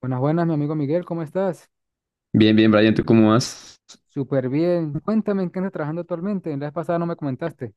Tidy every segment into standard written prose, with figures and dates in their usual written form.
Buenas, buenas, mi amigo Miguel, ¿cómo estás? Bien, bien, Brian, ¿tú cómo vas? Súper bien. Cuéntame en qué andas trabajando actualmente. La vez pasada no me comentaste.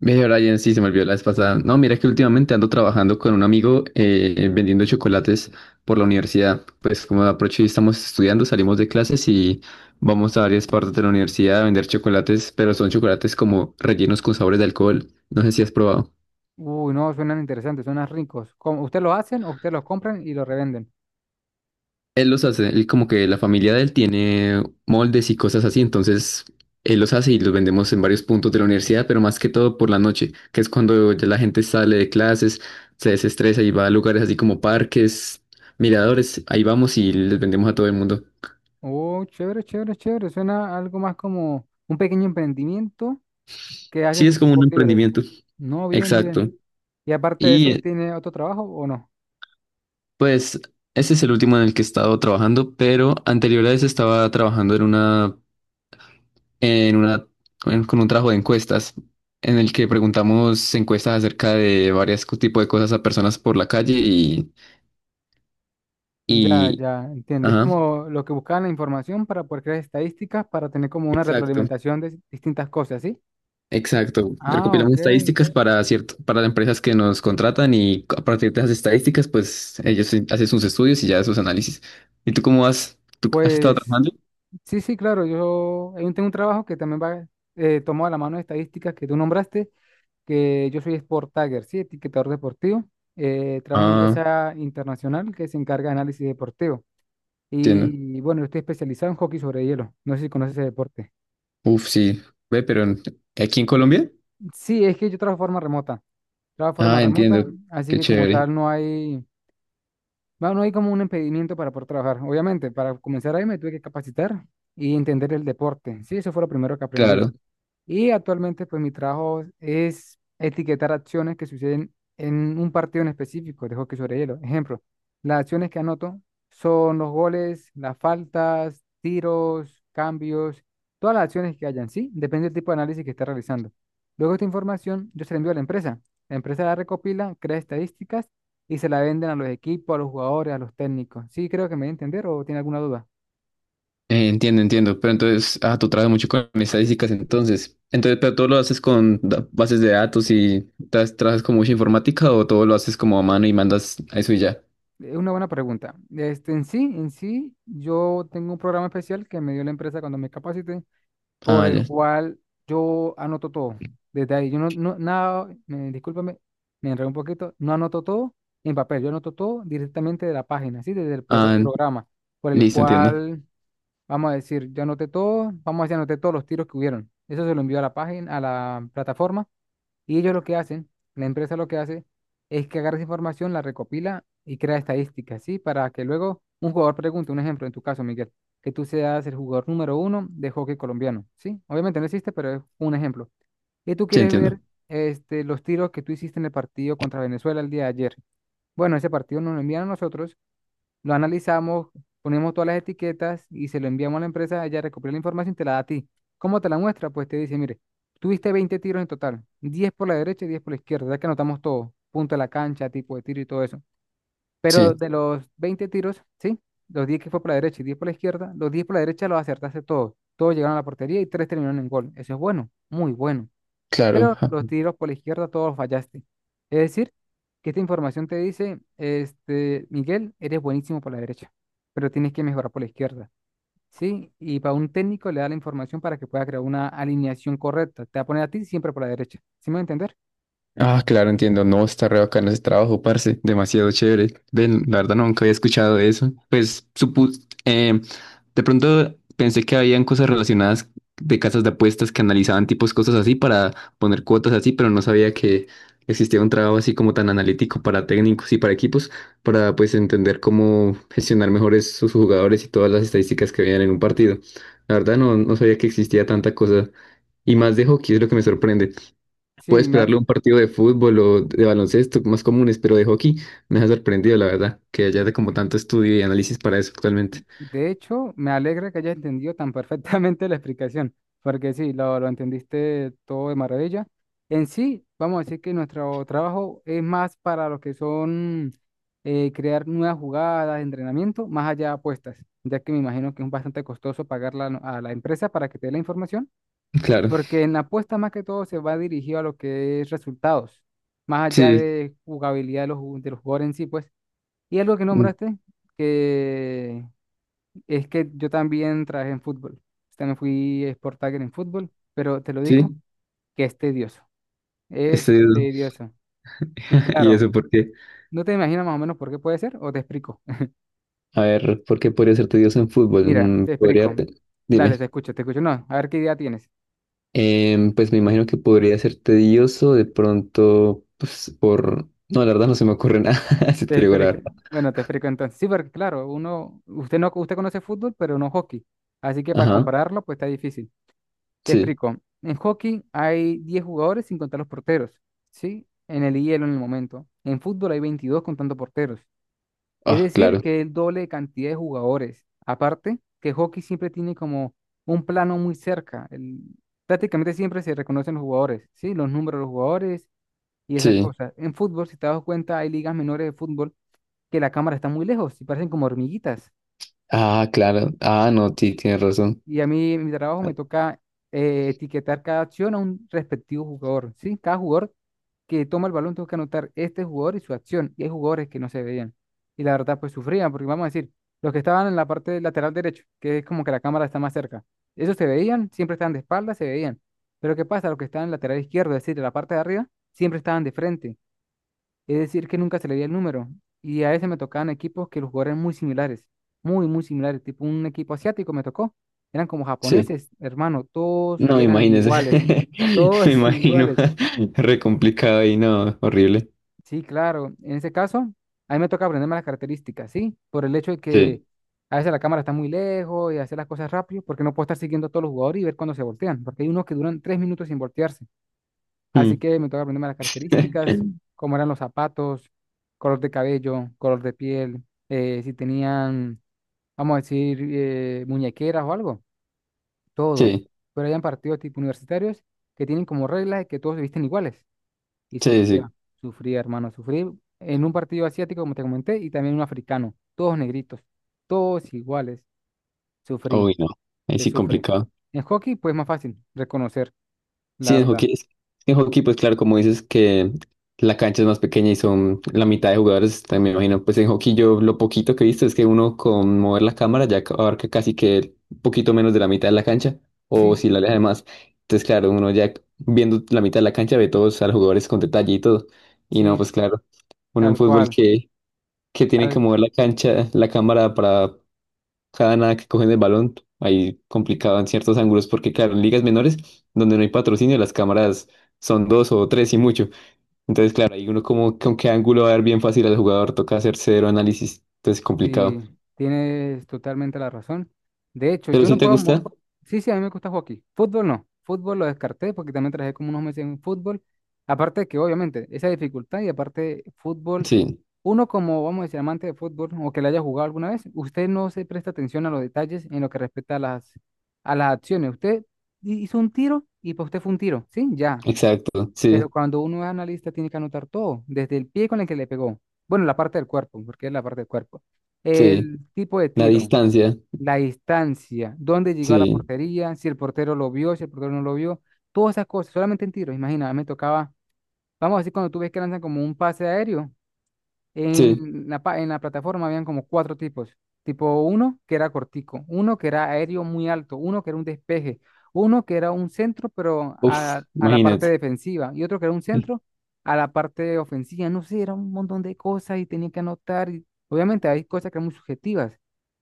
Ve, Brian, sí, se me olvidó la vez pasada. No, mira que últimamente ando trabajando con un amigo vendiendo chocolates por la universidad. Pues como aprovecho y estamos estudiando, salimos de clases y vamos a varias partes de la universidad a vender chocolates, pero son chocolates como rellenos con sabores de alcohol. No sé si has probado. Uy, no, suenan interesantes, suenan ricos. ¿Cómo, usted lo hacen o usted los compran y los revenden? Él los hace, él como que la familia de él tiene moldes y cosas así, entonces él los hace y los vendemos en varios puntos de la universidad, pero más que todo por la noche, que es cuando ya la gente sale de clases, se desestresa y va a lugares así como parques, miradores, ahí vamos y les vendemos a todo el mundo. Oh, chévere, chévere, chévere. Suena algo más como un pequeño emprendimiento que hacen Sí, sus es como un tiempos libres. emprendimiento. No, bien, Exacto. bien. Y aparte de eso, Y ¿tiene otro trabajo o no? pues ese es el último en el que he estado trabajando, pero anterior a ese estaba trabajando en una en una, con un trabajo de encuestas en el que preguntamos encuestas acerca de varios tipos de cosas a personas por la calle y, Ya, y ya, entiendo. Es ajá, como lo que buscaban la información para poder crear estadísticas, para tener como una exacto, retroalimentación de distintas cosas, ¿sí? exacto. Ah, Recopilamos ok. estadísticas para cierto, para las empresas que nos contratan y a partir de esas estadísticas, pues ellos sí hacen sus estudios y ya sus análisis. ¿Y tú cómo vas? ¿Tú has estado Pues trabajando? sí, sí, claro. Yo tengo un trabajo que también va tomado a la mano de estadísticas que tú nombraste, que yo soy Sport Tagger, sí, etiquetador deportivo. Trabajo en una Ah, empresa internacional que se encarga de análisis deportivo. entiendo. Y bueno, yo estoy especializado en hockey sobre hielo. No sé si conoces ese deporte. Uf, sí. Ve, aquí en Colombia. Sí, es que yo trabajo de forma remota. Trabajo de forma Ah, remota, entiendo. así Qué que como chévere. tal no hay como un impedimento para poder trabajar. Obviamente, para comenzar ahí me tuve que capacitar y entender el deporte. Sí, eso fue lo primero que aprendí. Claro. Y actualmente, pues mi trabajo es etiquetar acciones que suceden en un partido en específico de hockey sobre hielo. Ejemplo, las acciones que anoto son los goles, las faltas, tiros, cambios, todas las acciones que hayan, ¿sí? Depende del tipo de análisis que esté realizando. Luego esta información yo se la envío a la empresa. La empresa la recopila, crea estadísticas y se la venden a los equipos, a los jugadores, a los técnicos. ¿Sí creo que me voy a entender o tiene alguna duda? Entiendo, entiendo. Pero entonces, ah, tú trabajas mucho con estadísticas, entonces. Entonces, pero todo lo haces con bases de datos y trabajas con mucha informática o todo lo haces como a mano y mandas a eso y ya. Una buena pregunta. En sí, yo tengo un programa especial que me dio la empresa cuando me capacité, por Ah, el ya. cual yo anoto todo. Desde ahí, yo no, no, nada, me- discúlpame, me enredé un poquito, no anoto todo en papel, yo anoto todo directamente de la página, ¿sí? Desde el Ah, programa, por el listo, entiendo. cual, vamos a decir, yo anoté todo, vamos a decir, anoté todos los tiros que hubieron. Eso se lo envío a la página, a la plataforma, y ellos lo que hacen, la empresa lo que hace es que agarra esa información, la recopila y crea estadísticas, ¿sí? Para que luego un jugador pregunte, un ejemplo, en tu caso, Miguel, que tú seas el jugador número uno de hockey colombiano, ¿sí? Obviamente no existe, pero es un ejemplo. Y tú Sí, quieres entiendo. ver los tiros que tú hiciste en el partido contra Venezuela el día de ayer. Bueno, ese partido nos lo envían a nosotros, lo analizamos, ponemos todas las etiquetas y se lo enviamos a la empresa, ella recopila la información y te la da a ti. ¿Cómo te la muestra? Pues te dice, mire, tuviste 20 tiros en total, 10 por la derecha y 10 por la izquierda, ya que anotamos todo, punto de la cancha, tipo de tiro y todo eso. Pero Sí, de los 20 tiros, ¿sí? Los 10 que fue por la derecha y 10 por la izquierda, los 10 por la derecha los acertaste todos. Todos llegaron a la portería y tres terminaron en gol. Eso es bueno, muy bueno, claro. pero los tiros por la izquierda todos fallaste. Es decir, que esta información te dice, Miguel, eres buenísimo por la derecha, pero tienes que mejorar por la izquierda, ¿sí? Y para un técnico le da la información para que pueda crear una alineación correcta. Te va a poner a ti siempre por la derecha, ¿sí me va a entender? Ah, claro, entiendo. No, está re bacano ese trabajo, parce. Demasiado chévere. Ven, la verdad nunca había escuchado de eso. Pues supus, de pronto pensé que habían cosas relacionadas de casas de apuestas que analizaban tipos cosas así para poner cuotas así, pero no sabía que existía un trabajo así como tan analítico para técnicos y para equipos, para pues entender cómo gestionar mejor sus jugadores y todas las estadísticas que veían en un partido. La verdad no sabía que existía tanta cosa. Y más de hockey es lo que me sorprende. Sí, Puedes me, esperarle un partido de fútbol o de baloncesto, más comunes, pero de hockey me ha sorprendido, la verdad, que haya de como tanto estudio y análisis para eso actualmente. De hecho, me alegra que hayas entendido tan perfectamente la explicación, porque sí, lo entendiste todo de maravilla. En sí, vamos a decir que nuestro trabajo es más para los que son crear nuevas jugadas, entrenamiento, más allá de apuestas, ya que me imagino que es bastante costoso pagarla a la empresa para que te dé la información, Claro, porque en la apuesta más que todo se va dirigido a lo que es resultados, más allá sí, de jugabilidad de de los jugadores en sí, pues. Y algo que mm, nombraste, que es que yo también trabajé en fútbol. Pues, también fui sport tagger en fútbol, pero te lo digo sí, que es tedioso. es Es tedioso. tedioso. Sí, ¿Y claro. eso por qué? ¿No te imaginas más o menos por qué puede ser? ¿O te explico? A ver, ¿por qué podría ser tedioso en fútbol? Mira, Mm, te explico. Dale, te dime. escucho, te escucho. No, a ver qué idea tienes. Pues me imagino que podría ser tedioso de pronto, pues por... No, la verdad no se me ocurre nada, si Te te digo la explico. verdad. Bueno, te explico entonces. Sí, porque claro, uno, usted conoce fútbol, pero no hockey. Así que para Ajá, compararlo, pues está difícil. Te sí. explico. En hockey hay 10 jugadores sin contar los porteros, ¿sí? En el hielo en el momento. En fútbol hay 22 contando porteros. Es Ah, decir, claro, que el doble de cantidad de jugadores. Aparte, que hockey siempre tiene como un plano muy cerca. Prácticamente siempre se reconocen los jugadores, ¿sí? Los números de los jugadores y esas sí. cosas. En fútbol, si te das cuenta, hay ligas menores de fútbol que la cámara está muy lejos y parecen como hormiguitas. Ah, claro. Ah, no, sí, tienes razón. Y a mí, en mi trabajo me toca etiquetar cada acción a un respectivo jugador, ¿sí? Cada jugador que toma el balón tengo que anotar este jugador y su acción. Y hay jugadores que no se veían. Y la verdad, pues sufrían, porque vamos a decir, los que estaban en la parte lateral derecho, que es como que la cámara está más cerca, esos se veían, siempre estaban de espaldas, se veían. Pero ¿qué pasa? Los que estaban en lateral izquierdo, es decir, en la parte de arriba, siempre estaban de frente. Es decir, que nunca se le dio el número. Y a veces me tocaban equipos que los jugadores eran muy similares, muy, muy similares. Tipo un equipo asiático me tocó. Eran como Sí. japoneses, hermano. Todos No, eran imagínese. iguales. Me Todos imagino. iguales. Re complicado y no, horrible. Sí, claro. En ese caso, a mí me toca aprenderme las características, ¿sí? Por el hecho de que Sí. a veces la cámara está muy lejos y hacer las cosas rápido, porque no puedo estar siguiendo a todos los jugadores y ver cuándo se voltean, porque hay unos que duran 3 minutos sin voltearse. Así Mm. que me toca aprenderme las características, cómo eran los zapatos, color de cabello, color de piel, si tenían, vamos a decir, muñequeras o algo, todo. Sí, Pero hayan partidos tipo universitarios que tienen como regla de que todos se visten iguales. Y sí, sufría, sí. sufría, hermano, sufrí en un partido asiático, como te comenté, y también un africano, todos negritos, todos iguales. Sufrí, Uy, no. Ahí se sí sufre. complicado. En hockey, pues más fácil reconocer, la Sí, en verdad. hockey, en hockey, pues claro, como dices que la cancha es más pequeña y son la mitad de jugadores, también me imagino, pues en hockey yo lo poquito que he visto es que uno con mover la cámara ya abarca casi que un poquito menos de la mitad de la cancha, o Sí, si la aleja más. Entonces, claro, uno ya viendo la mitad de la cancha ve todos a los jugadores con detalle y todo. Y no, sí, pues claro, uno en tal fútbol cual. Que tiene que mover la cancha, la cámara para cada nada que cogen el balón, ahí complicado en ciertos ángulos, porque claro, en ligas menores, donde no hay patrocinio, las cámaras son dos o tres y mucho. Entonces, claro, ahí uno como con qué ángulo va a ver bien fácil al jugador, toca hacer cero análisis, entonces complicado. Sí, tienes totalmente la razón. De hecho, Pero yo si no Sí, te puedo. Gusta, Sí, sí, a mí me gusta hockey. Fútbol no. Fútbol lo descarté porque también trabajé como unos meses en fútbol. Aparte de que, obviamente, esa dificultad y aparte fútbol, sí, uno como, vamos a decir, amante de fútbol o que le haya jugado alguna vez, usted no se presta atención a los detalles en lo que respecta a a las acciones. Usted hizo un tiro y para usted fue un tiro, ¿sí? Ya, exacto, pero sí, cuando uno es analista tiene que anotar todo, desde el pie con el que le pegó, bueno, la parte del cuerpo, porque es la parte del cuerpo, sí, el tipo de la tiro, distancia, la distancia, dónde llegó a la sí, portería, si el portero lo vio, si el portero no lo vio, todas esas cosas, solamente en tiro, imagina, me tocaba, vamos a decir, cuando tú ves que lanzan como un pase aéreo, sí, en en la plataforma habían como cuatro tipos. Tipo uno que era cortico, uno que era aéreo muy alto, uno que era un despeje, uno que era un centro pero uf, a la parte imagínate, defensiva y otro que era un sí, centro a la parte ofensiva. No sé, era un montón de cosas y tenía que anotar. Y obviamente hay cosas que eran muy subjetivas,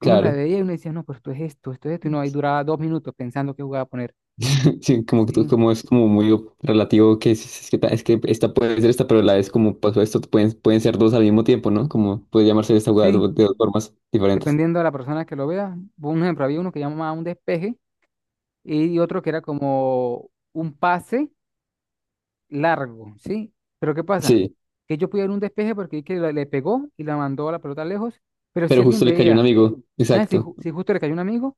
que uno la claro. veía y uno decía, no, pero esto es esto, esto es esto. Y no, ahí duraba 2 minutos pensando qué jugada poner. Sí, como que Sí, como es como muy relativo que es que, es que esta puede ser esta, pero la es como pasó esto, pueden ser dos al mismo tiempo, ¿no? Como puede llamarse esta jugada sí, de dos formas diferentes. dependiendo de la persona que lo vea. Un ejemplo, había uno que llamaba un despeje y otro que era como un pase largo, ¿sí? Pero ¿qué pasa? Sí, Que yo pude dar un despeje porque vi que le pegó y la mandó a la pelota lejos, pero si pero alguien justo le cayó un veía, amigo. ya, Exacto, si justo le cayó un amigo,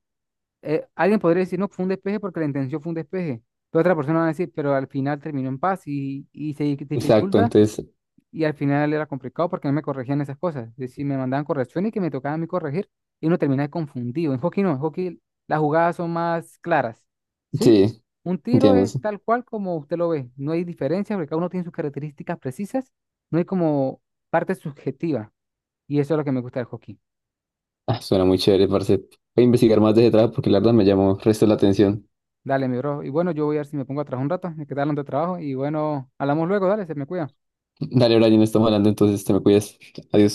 alguien podría decir, no, fue un despeje porque la intención fue un despeje. Pero otra persona va a decir, pero al final terminó en paz y se exacto. dificulta Entonces, y al final era complicado porque no me corregían esas cosas. Es decir, me mandaban correcciones que me tocaba a mí corregir y uno terminaba confundido. En hockey no, en hockey las jugadas son más claras, ¿sí? sí, Un tiro entiendo. es Sí. tal cual como usted lo ve, no hay diferencia porque cada uno tiene sus características precisas, no hay como parte subjetiva y eso es lo que me gusta del hockey. Ah, suena muy chévere, parce. Voy a investigar más de ese trabajo porque la verdad me llamó resto la atención. Dale, mi bro. Y bueno, yo voy a ver si me pongo a trabajar un rato, me quedaron de trabajo y bueno, hablamos luego, dale, se me cuida. Dale, Brian, estamos hablando, entonces te me cuidas. Adiós.